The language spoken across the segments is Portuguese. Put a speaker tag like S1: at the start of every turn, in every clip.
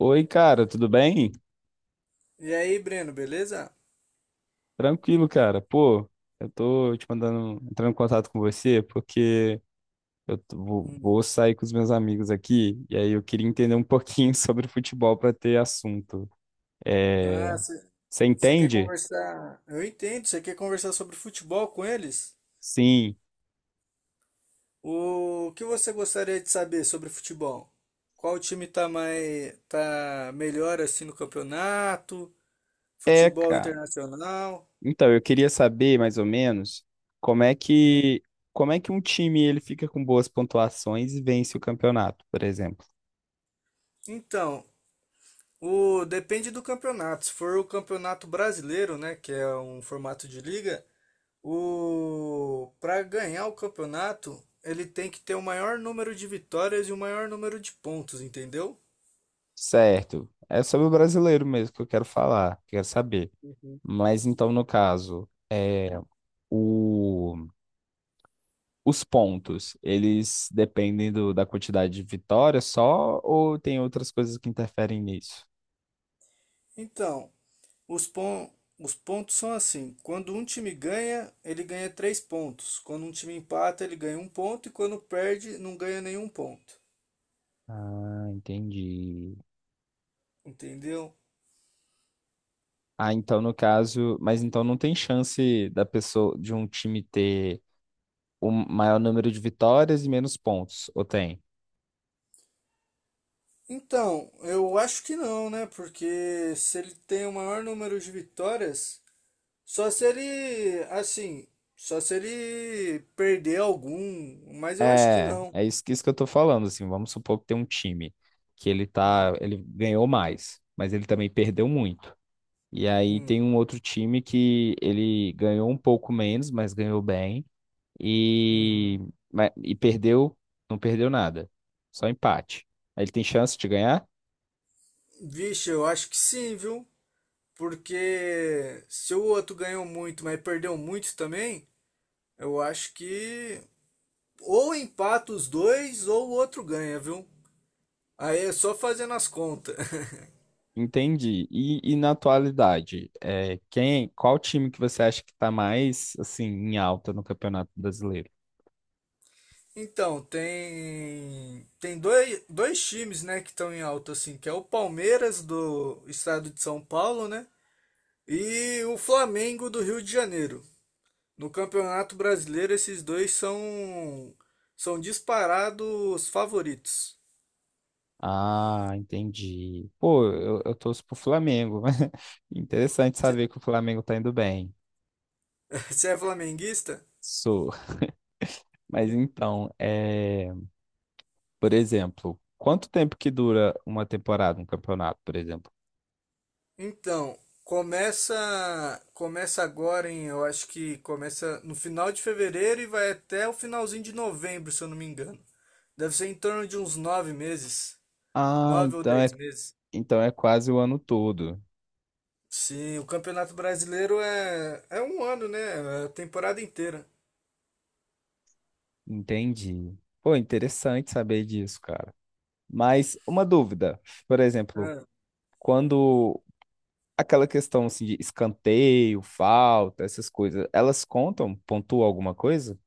S1: Oi, cara, tudo bem?
S2: E aí, Breno, beleza?
S1: Tranquilo, cara. Pô, eu tô te mandando, entrando em contato com você porque vou,
S2: Hum.
S1: vou sair com os meus amigos aqui e aí eu queria entender um pouquinho sobre futebol pra ter assunto.
S2: Ah,
S1: É, você
S2: você quer
S1: entende?
S2: conversar? Eu entendo, você quer conversar sobre futebol com eles?
S1: Sim.
S2: O que você gostaria de saber sobre futebol? Qual time tá melhor assim no campeonato?
S1: É,
S2: Futebol
S1: cara.
S2: internacional?
S1: Então, eu queria saber mais ou menos como é
S2: Hum.
S1: que como é que um time ele fica com boas pontuações e vence o campeonato, por exemplo.
S2: Então, o depende do campeonato. Se for o campeonato brasileiro, né, que é um formato de liga, o para ganhar o campeonato, ele tem que ter o maior número de vitórias e o maior número de pontos, entendeu?
S1: Certo. É sobre o brasileiro mesmo que eu quero falar, quero saber.
S2: Uhum.
S1: Mas então, no caso, é, o, os pontos, eles dependem da quantidade de vitórias só ou tem outras coisas que interferem nisso?
S2: Então, os pon- os pontos são assim: quando um time ganha, ele ganha 3 pontos. Quando um time empata, ele ganha um ponto. E quando perde, não ganha nenhum ponto.
S1: Ah, entendi.
S2: Entendeu?
S1: Ah, então no caso, mas então não tem chance da pessoa de um time ter o maior número de vitórias e menos pontos, ou tem?
S2: Então, eu acho que não, né? Porque se ele tem o maior número de vitórias, só se ele, assim, só se ele perder algum, mas eu acho que
S1: É,
S2: não.
S1: é isso, isso que eu tô falando, assim, vamos supor que tem um time que
S2: Hum,
S1: ele ganhou mais, mas ele também perdeu muito. E aí
S2: hum,
S1: tem um outro time que ele ganhou um pouco menos, mas ganhou bem. E,
S2: uhum.
S1: e perdeu, não perdeu nada. Só empate. Ele tem chance de ganhar?
S2: Vixe, eu acho que sim, viu? Porque se o outro ganhou muito, mas perdeu muito também, eu acho que ou empata os dois ou o outro ganha, viu? Aí é só fazendo as contas.
S1: Entendi. E na atualidade, qual time que você acha que está mais assim em alta no Campeonato Brasileiro?
S2: Então, tem dois times, né, que estão em alta assim, que é o Palmeiras do estado de São Paulo, né? E o Flamengo do Rio de Janeiro. No Campeonato Brasileiro, esses dois são disparados favoritos.
S1: Ah, entendi. Pô, eu torço pro Flamengo. Interessante saber que o Flamengo tá indo bem.
S2: Você é flamenguista?
S1: Sou. Mas
S2: En-
S1: então, é. Por exemplo, quanto tempo que dura uma temporada, um campeonato, por exemplo?
S2: Então, começa agora em, eu acho que começa no final de fevereiro e vai até o finalzinho de novembro, se eu não me engano. Deve ser em torno de uns 9 meses,
S1: Ah,
S2: nove ou
S1: então é,
S2: dez meses.
S1: então é quase o ano todo.
S2: Sim, o Campeonato Brasileiro é um ano, né? É a temporada inteira.
S1: Entendi. Pô, interessante saber disso, cara. Mas uma dúvida, por exemplo,
S2: É.
S1: quando aquela questão assim, de escanteio, falta, essas coisas, elas contam, pontuam alguma coisa?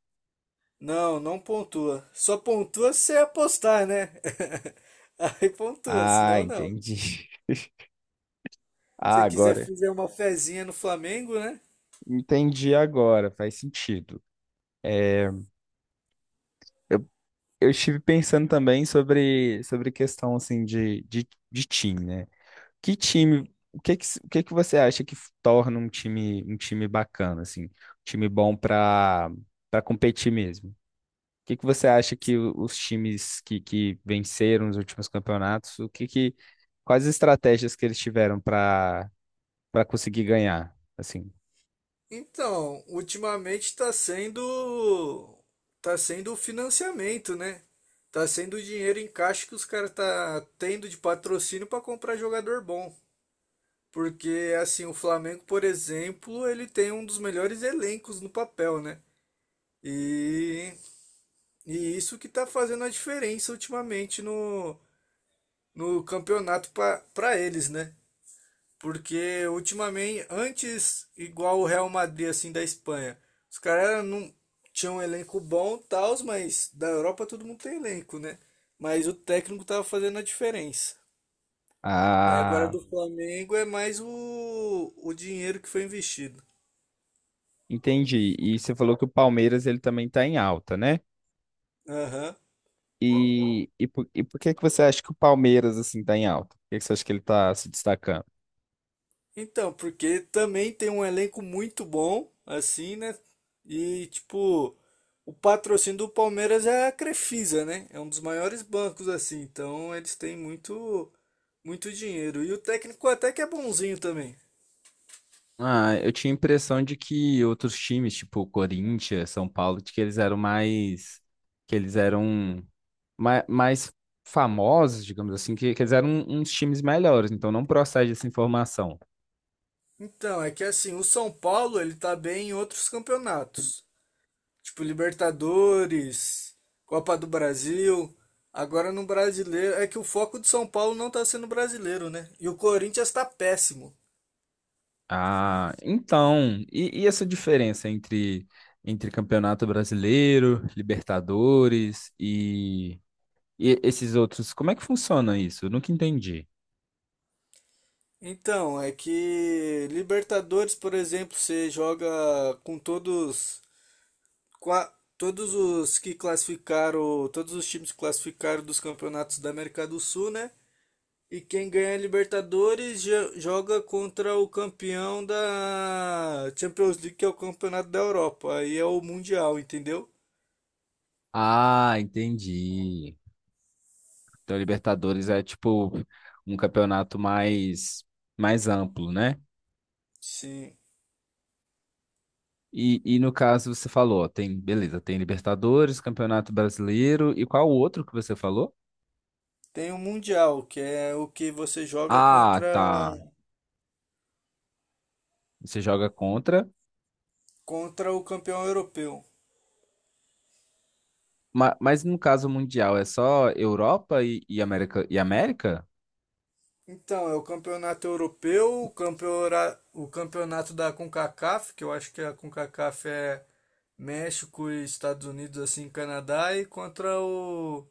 S2: Não, não pontua. Só pontua se você apostar, né? Aí pontua,
S1: Ah,
S2: senão não.
S1: entendi. Ah,
S2: Se quiser
S1: agora.
S2: fazer uma fezinha no Flamengo, né?
S1: Entendi agora, faz sentido. É, eu estive pensando também sobre questão assim de time, né? Que time,
S2: Hum.
S1: o que que você acha que torna um time bacana assim, um time bom para competir mesmo? O que que você acha que os times que venceram os últimos campeonatos, o que que quais as estratégias que eles tiveram para conseguir ganhar, assim?
S2: Então, ultimamente está sendo tá sendo o financiamento, né? Tá sendo o dinheiro em caixa que os caras tá tendo de patrocínio para comprar jogador bom. Porque assim, o Flamengo, por exemplo, ele tem um dos melhores elencos no papel, né? E E isso que tá fazendo a diferença ultimamente no campeonato para eles, né? Porque ultimamente, antes, igual o Real Madrid, assim, da Espanha, os caras não tinham um elenco bom e tal, mas da Europa todo mundo tem elenco, né? Mas o técnico tava fazendo a diferença. Mas agora
S1: Ah,
S2: do Flamengo é mais o dinheiro que foi investido.
S1: entendi. E você falou que o Palmeiras ele também está em alta, né?
S2: Aham.
S1: E por que que você acha que o Palmeiras, assim, tá em alta? Por que que você acha que ele tá se destacando?
S2: Então, porque também tem um elenco muito bom, assim, né? E, tipo, o patrocínio do Palmeiras é a Crefisa, né? É um dos maiores bancos, assim. Então, eles têm muito, muito dinheiro. E o técnico até que é bonzinho também.
S1: Ah, eu tinha a impressão de que outros times, tipo Corinthians, São Paulo, de que que eles eram mais famosos, digamos assim, que eles eram uns times melhores, então não procede essa informação.
S2: Então, é que, assim, o São Paulo, ele tá bem em outros campeonatos. Tipo, Libertadores, Copa do Brasil. Agora no brasileiro, é que o foco do São Paulo não tá sendo brasileiro, né? E o Corinthians tá péssimo.
S1: Ah, então, e essa diferença entre Campeonato Brasileiro, Libertadores e esses outros, como é que funciona isso? Eu nunca entendi.
S2: Então, é que Libertadores, por exemplo, você joga com todos, qua- todos os que classificaram, todos os times que classificaram dos campeonatos da América do Sul, né? E quem ganha a Libertadores joga contra o campeão da Champions League, que é o campeonato da Europa. Aí é o Mundial, entendeu?
S1: Ah, entendi. Então, Libertadores é tipo um campeonato mais amplo, né?
S2: Sim.
S1: E no caso, você falou, ó, tem, beleza, tem Libertadores, Campeonato Brasileiro, e qual o outro que você falou?
S2: Tem o Mundial, que é o que você joga
S1: Ah,
S2: contra,
S1: tá. Você joga contra,
S2: contra o campeão europeu.
S1: mas, no caso mundial é só Europa e América e América?
S2: Então, é o campeonato europeu, o campeonato da CONCACAF, que eu acho que a CONCACAF é México e Estados Unidos, assim, Canadá, e contra o,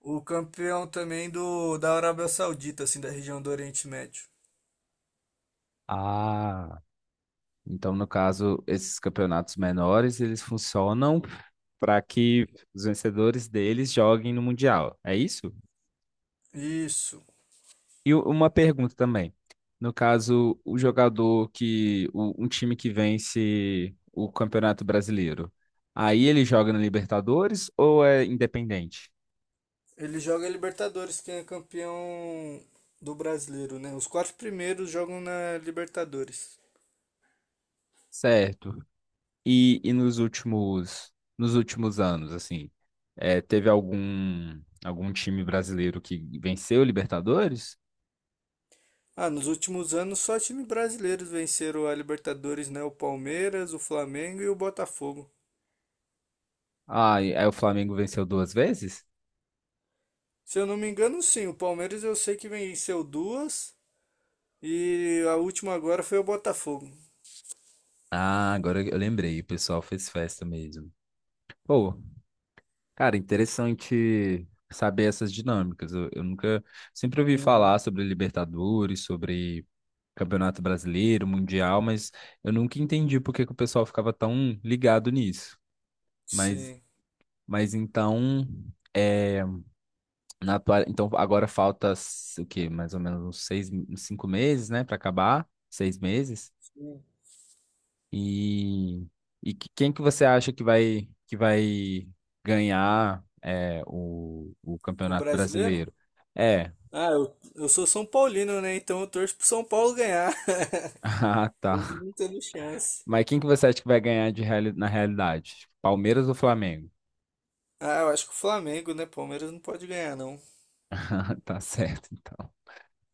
S2: o campeão também do da Arábia Saudita, assim, da região do Oriente Médio.
S1: Ah, então no caso, esses campeonatos menores, eles funcionam para que os vencedores deles joguem no Mundial. É isso?
S2: Isso.
S1: E uma pergunta também. No caso, o jogador que. O- um time que vence o Campeonato Brasileiro. Aí ele joga na Libertadores ou é independente?
S2: Ele joga a Libertadores, quem é campeão do brasileiro, né? Os quatro primeiros jogam na Libertadores.
S1: Certo. E nos últimos, anos, assim, teve algum time brasileiro que venceu o Libertadores?
S2: Ah, nos últimos anos só times brasileiros venceram a Libertadores, né? O Palmeiras, o Flamengo e o Botafogo.
S1: Ah, aí o Flamengo venceu duas vezes?
S2: Se eu não me engano, sim. O Palmeiras eu sei que venceu duas e a última agora foi o Botafogo.
S1: Ah, agora eu lembrei, o pessoal fez festa mesmo. Pô, cara, interessante saber essas dinâmicas. Eu nunca, sempre ouvi
S2: Uhum.
S1: falar sobre Libertadores, sobre Campeonato Brasileiro, Mundial, mas eu nunca entendi por que que o pessoal ficava tão ligado nisso. Mas,
S2: Sim.
S1: mas então, é, então agora falta o quê? Mais ou menos uns seis, uns 5 meses, né, para acabar? 6 meses?
S2: Sim.
S1: E, e quem que você acha que vai ganhar o
S2: O
S1: Campeonato
S2: brasileiro?
S1: Brasileiro? É.
S2: Ah, eu sou São Paulino, né? Então eu torço pro São Paulo ganhar.
S1: Ah, tá.
S2: Mas não tendo chance.
S1: Mas quem que você acha que vai ganhar na realidade? Tipo, Palmeiras ou Flamengo?
S2: Ah, eu acho que o Flamengo, né? Palmeiras não pode ganhar, não.
S1: Ah, tá certo, então.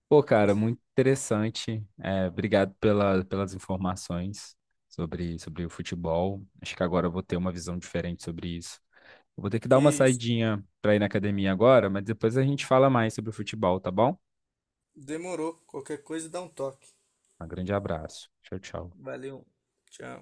S1: Pô, cara, muito interessante. É, obrigado pelas informações sobre o futebol. Acho que agora eu vou ter uma visão diferente sobre isso. Eu vou ter que dar
S2: Que
S1: uma
S2: isso.
S1: saidinha para ir na academia agora, mas depois a gente fala mais sobre o futebol, tá bom?
S2: Demorou. Qualquer coisa dá um toque.
S1: Um grande abraço. Tchau, tchau.
S2: Valeu. Tchau.